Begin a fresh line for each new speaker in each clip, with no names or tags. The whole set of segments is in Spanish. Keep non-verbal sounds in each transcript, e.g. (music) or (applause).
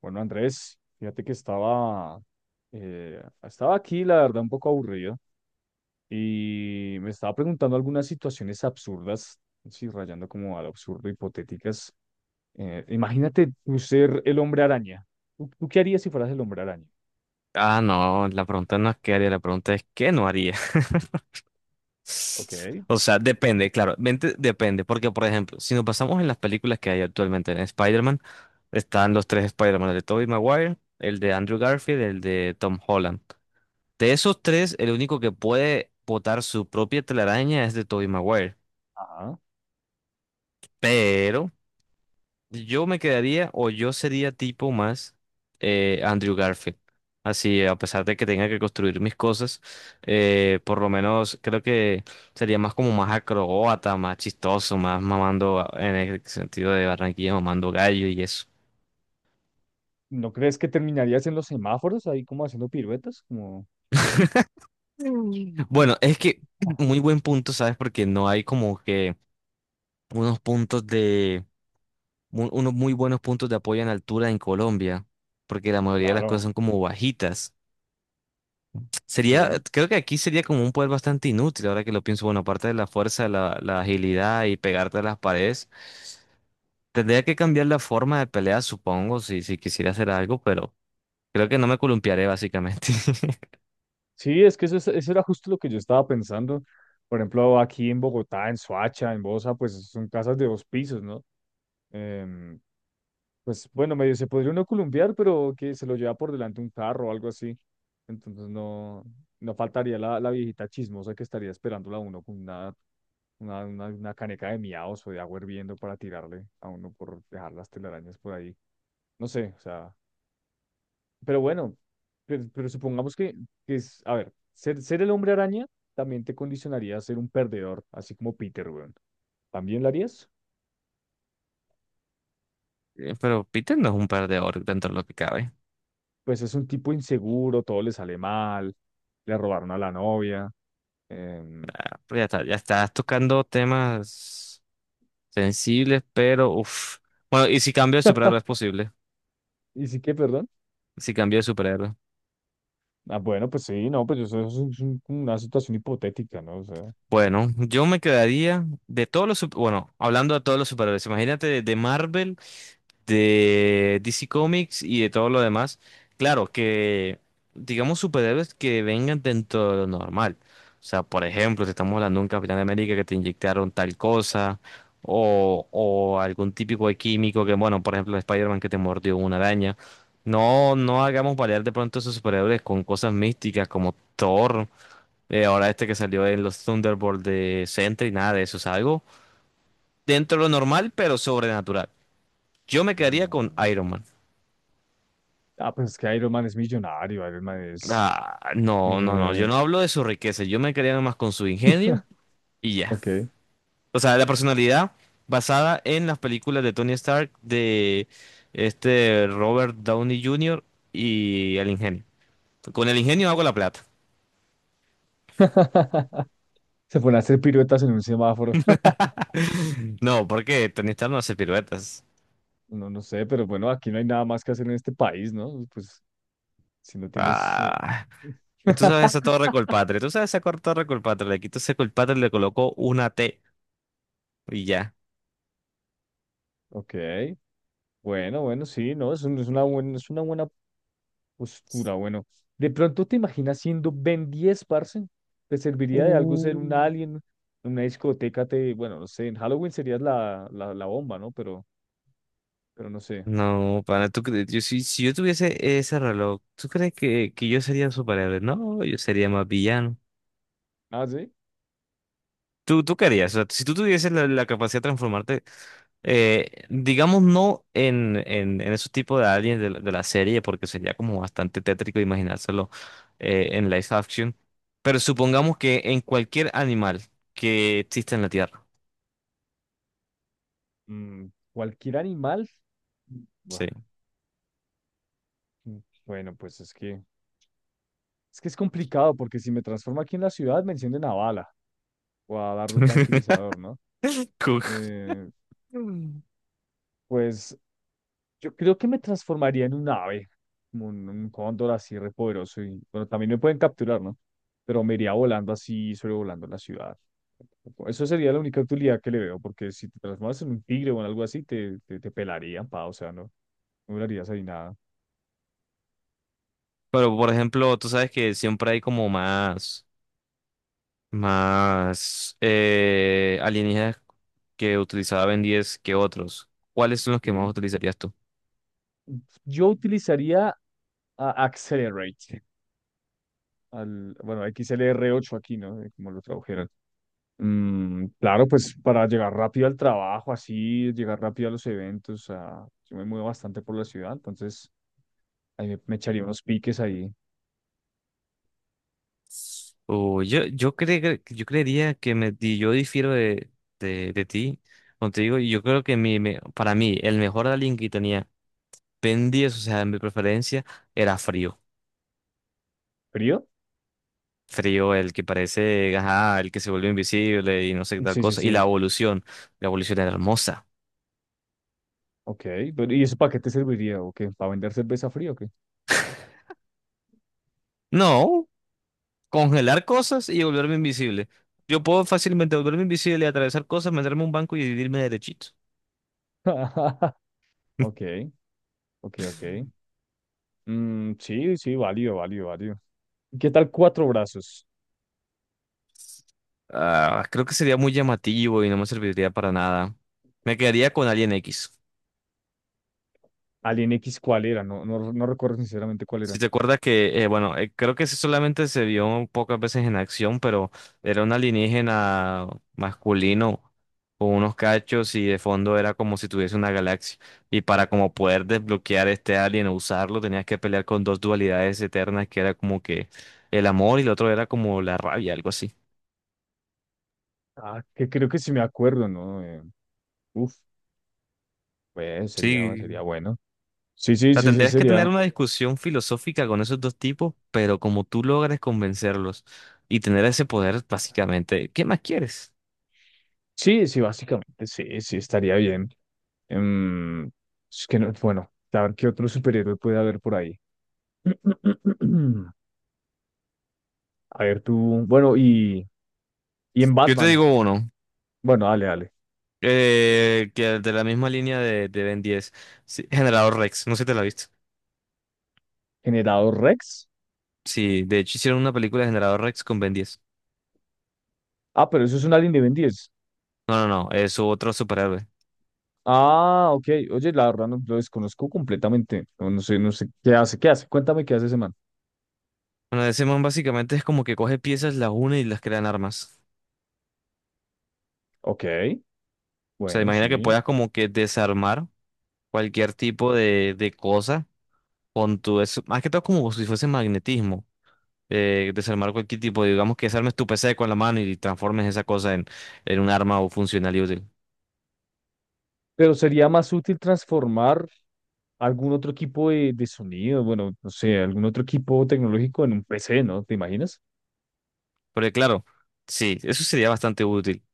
Bueno, Andrés, fíjate que estaba aquí, la verdad, un poco aburrido y me estaba preguntando algunas situaciones absurdas, sí, rayando como al absurdo, hipotéticas. Imagínate tú ser el hombre araña. ¿Tú qué harías si fueras el hombre araña?
Ah, no, la pregunta no es qué haría, la pregunta es qué no haría. (laughs)
Ok,
O sea, depende, claro, depende, porque por ejemplo, si nos pasamos en las películas que hay actualmente en Spider-Man, están los tres Spider-Man, el de Tobey Maguire, el de Andrew Garfield, el de Tom Holland. De esos tres, el único que puede botar su propia telaraña es de Tobey Maguire.
ajá.
Yo me quedaría o yo sería tipo más Andrew Garfield. Así, a pesar de que tenga que construir mis cosas, por lo menos creo que sería más como más acrobata, más chistoso, más en el sentido de Barranquilla, mamando gallo y eso.
¿No crees que terminarías en los semáforos ahí como haciendo piruetas? Como,
(laughs) Mm. Bueno, es que (clears throat) muy buen punto, ¿sabes? Porque no hay como que unos puntos de, unos muy buenos puntos de apoyo en altura en Colombia, porque la mayoría de las cosas
claro,
son como bajitas. Sería,
sí.
creo que aquí sería como un poder bastante inútil, ahora que lo pienso, bueno, aparte de la fuerza, la agilidad y pegarte a las paredes, tendría que cambiar la forma de pelea, supongo, si quisiera hacer algo, pero creo que no me columpiaré básicamente. (laughs)
Sí, es que eso, eso era justo lo que yo estaba pensando. Por ejemplo, aquí en Bogotá, en Soacha, en Bosa, pues son casas de dos pisos, ¿no? em, pues bueno, medio se podría uno columpiar, pero que se lo lleva por delante un carro o algo así. Entonces no, no faltaría la viejita chismosa que estaría esperándola a uno con una, una caneca de miados o de agua hirviendo para tirarle a uno por dejar las telarañas por ahí. No sé, o sea, pero bueno, pero supongamos que es, a ver, ser el hombre araña también te condicionaría a ser un perdedor, así como Peter, weón. ¿También lo harías?
Pero Peter no es un perdedor dentro de lo que cabe.
Pues es un tipo inseguro, todo le sale mal, le robaron a la novia. em,
Ah, pero ya está, ya estás tocando temas sensibles, pero uff. Bueno, ¿y si cambio de superhéroe es posible?
¿Y sí que, perdón?
Si cambio de superhéroe.
Ah, bueno, pues sí, no, pues eso es una situación hipotética, ¿no? O sea,
Bueno, yo me quedaría de todos los, bueno, hablando de todos los superhéroes, imagínate de Marvel, de DC Comics y de todo lo demás. Claro, que digamos superhéroes que vengan dentro de lo normal. O sea, por ejemplo, si estamos hablando de un Capitán América que te inyectaron tal cosa, o algún típico de químico que, bueno, por ejemplo, Spider-Man que te mordió una araña. No, no hagamos variar de pronto esos superhéroes con cosas místicas como Thor, ahora este que salió en los Thunderbolts de Sentry, nada de eso, es algo dentro de lo normal, pero sobrenatural. Yo me quedaría con
mm,
Iron Man.
ah, pues es que Iron Man es millonario, Iron Man es...
Ah, no, no, no, yo
eh,
no hablo de su riqueza, yo me quería nomás con su ingenio
(laughs)
y ya.
ok.
O sea, la personalidad basada en las películas de Tony Stark, de este Robert Downey Jr. y el ingenio. Con el ingenio hago la plata.
(laughs) Se ponen a hacer piruetas en un semáforo. (laughs)
(laughs) No, porque Tony Stark no hace piruetas.
No, no sé, pero bueno, aquí no hay nada más que hacer en este país, ¿no? Pues si no tienes...
Ah, tú sabes esa torre Colpatria, tú sabes esa torre Colpatria, le quito ese Colpatria y le colocó una T y ya.
Ok, bueno, bueno, sí, no, es, es una buena Oscura, bueno. ¿De pronto te imaginas siendo Ben diez parce? ¿Te serviría de algo ser un
Uh.
alien? En una discoteca te, bueno, no sé, en Halloween serías la bomba, ¿no? Pero no sé.
No, pana, si, si yo tuviese ese reloj, ¿tú crees que yo sería un superhéroe? No, yo sería más villano.
Ah, sí.
¿Tú querías? O sea, si tú tuvieses la, la capacidad de transformarte, digamos, no en esos tipos de aliens de la serie, porque sería como bastante tétrico imaginárselo en live action, pero supongamos que en cualquier animal que exista en la Tierra.
Mm, cualquier animal. Buah,
Sí.
mm, bueno, pues es que, es que es complicado porque si me transformo aquí en la ciudad me encienden a bala o a dardo tranquilizador, ¿no?
Cook.
Eh,
Mm.
pues yo creo que me transformaría en un ave, como un cóndor así repoderoso. Y bueno, también me pueden capturar, ¿no? Pero me iría volando así, sobrevolando la ciudad. Eso sería la única utilidad que le veo, porque si te transformas en un tigre o en algo así, te pelarían, pa, o sea, no, no durarías ahí nada.
Pero, por ejemplo, tú sabes que siempre hay como más. Más alienígenas que utilizaba Ben 10 que otros. ¿Cuáles son los que más
Sí.
utilizarías tú?
Yo utilizaría a Accelerate, al, bueno, xlr ocho aquí, ¿no? Como lo tradujeron. Mm, claro, pues para llegar rápido al trabajo, así, llegar rápido a los eventos, a- yo me muevo bastante por la ciudad, entonces ahí me echaría unos piques ahí.
Yo creería que yo difiero de, de ti. Como te digo, yo creo que para mí el mejor alien que tenía Ben 10, o sea, en mi preferencia, era Frío.
¿Frío?
Frío, el que parece, ajá, el que se volvió invisible y no sé qué tal
Sí, sí,
cosa. Y
sí.
la evolución era hermosa.
Ok, pero ¿y eso para qué te serviría? ¿O qué? ¿Para vender cerveza fría o qué?
No. Congelar cosas y volverme invisible. Yo puedo fácilmente volverme invisible, atravesar cosas, meterme a un banco y dividirme derechito.
(laughs) Ok, ok, ok. Mm, sí, sí, válido, válido, válido. ¿Qué tal cuatro brazos?
Ah, creo que sería muy llamativo y no me serviría para nada. Me quedaría con Alien X.
Alien X, ¿cuál era? No, no, no recuerdo sinceramente cuál era.
Si te acuerdas que, bueno, creo que ese solamente se vio pocas veces en acción, pero era un alienígena masculino con unos cachos y de fondo era como si tuviese una galaxia. Y para como poder desbloquear este alien o usarlo, tenías que pelear con dos dualidades eternas, que era como que el amor y el otro era como la rabia, algo así.
Ah, que creo que sí me acuerdo, ¿no? Uf. Pues sería, sería
Sí.
bueno. Sí,
O
sí,
sea,
sí, sí,
tendrías que
sería.
tener una discusión filosófica con esos dos tipos, pero como tú logres convencerlos y tener ese poder, básicamente, ¿qué más quieres?
Sí, sí, básicamente, sí, sí, estaría bien. Em, es que no, bueno, a ver qué otro superhéroe puede haber por ahí. (clears throat) A ver tú, bueno, y en
Yo te
Batman.
digo uno.
Bueno, dale, dale.
Que de la misma línea de Ben 10. Sí, Generador Rex, no sé si te la viste.
Generador Rex.
Sí, de hecho hicieron una película de Generador Rex con Ben 10.
Ah, pero eso es un Alien de Ben diez.
No, no, no, es otro superhéroe.
Ah, ok. Oye, la verdad no, lo desconozco completamente. No, no sé, no sé qué hace, qué hace. Cuéntame qué hace ese man.
Bueno, ese man básicamente es como que coge piezas, las une y las crean armas.
Ok,
O sea,
bueno,
imagina que
sí.
puedas como que desarmar cualquier tipo de cosa con tu... Es, más que todo como si fuese magnetismo. Desarmar cualquier tipo, digamos que desarmes tu PC con la mano y transformes esa cosa en un arma o funcional y útil.
Pero sería más útil transformar. Algún otro equipo de sonido, bueno, no sé, algún otro equipo tecnológico en un PC, ¿no? ¿Te imaginas?
Porque claro, sí, eso sería bastante útil.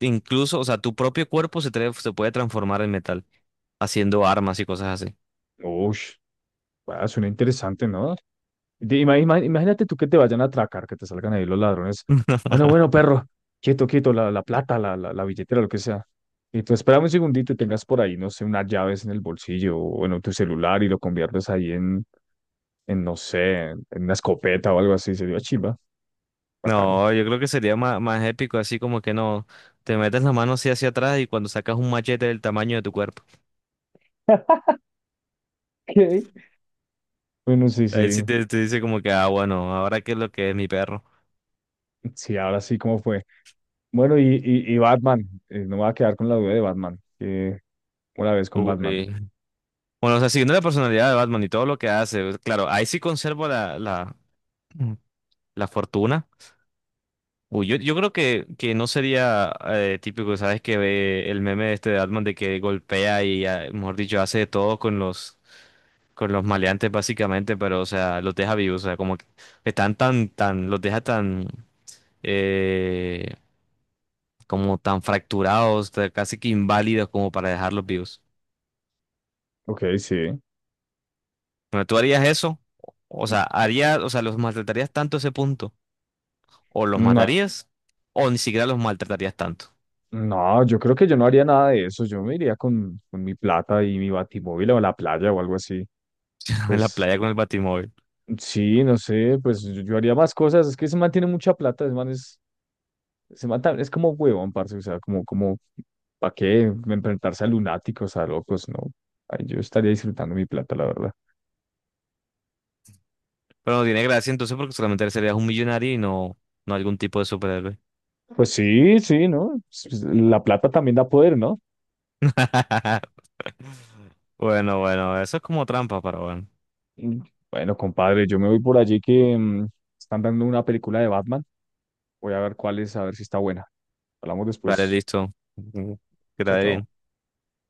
Incluso, o sea, tu propio cuerpo se puede transformar en metal, haciendo armas y cosas así.
Uy, ah, suena interesante, ¿no? Imagínate tú que te vayan a atracar, que te salgan ahí los ladrones. Bueno,
(laughs)
bueno, perro, quieto, quieto, la plata, la billetera, lo que sea. Y tú espérame un segundito y tengas por ahí, no sé, unas llaves en el bolsillo o en tu celular y lo conviertes ahí en no sé, en una escopeta o algo así. Sería chimba, bacano.
No, yo creo que sería más, más épico, así como que no, te metes la mano así hacia atrás y cuando sacas un machete del tamaño de tu cuerpo,
Ok. Bueno, sí,
ahí sí
sí.
te dice como que, ah, bueno, ahora qué es lo que es mi perro.
Sí, ahora sí, ¿cómo fue? Bueno, y Batman. Eh, no me voy a quedar con la duda de Batman. Que una vez con Batman.
Uy. Bueno, o sea, siguiendo la personalidad de Batman y todo lo que hace, pues, claro, ahí sí conservo la fortuna. Uy, yo creo que no sería típico, ¿sabes? Que ve el meme este de Atman de que golpea y, ah, mejor dicho, hace de todo con los maleantes básicamente, pero, o sea, los deja vivos, o sea, como que están tan, los deja tan, eh, como tan fracturados, tan casi que inválidos como para dejarlos vivos.
Ok, sí.
Bueno, ¿tú harías eso? O sea, harías, o sea, los maltratarías tanto a ese punto, o los
No,
matarías, o ni siquiera los maltratarías tanto.
no, yo creo que yo no haría nada de eso. Yo me iría con mi plata y mi batimóvil o a la playa o algo así.
(laughs) En la
Pues
playa con el batimóvil.
sí, no sé, pues yo haría más cosas. Es que ese man tiene mucha plata, ese man es, es como huevón, parce. O sea, como, como, ¿para qué enfrentarse a lunáticos, a locos? No. Ay, yo estaría disfrutando mi plata, la verdad.
Pero no tiene gracia entonces porque solamente serías un millonario y no, no algún tipo de superhéroe.
Pues sí, sí, ¿no? Pues, pues, la plata también da poder, ¿no?
(laughs) Bueno, bueno, eso es como trampa, pero bueno.
Mm, bueno, compadre, yo me voy por allí que mm, están dando una película de Batman. Voy a ver cuál es, a ver si está buena. Hablamos
Vale,
después.
listo. Que te
Chao,
vaya
chao.
bien.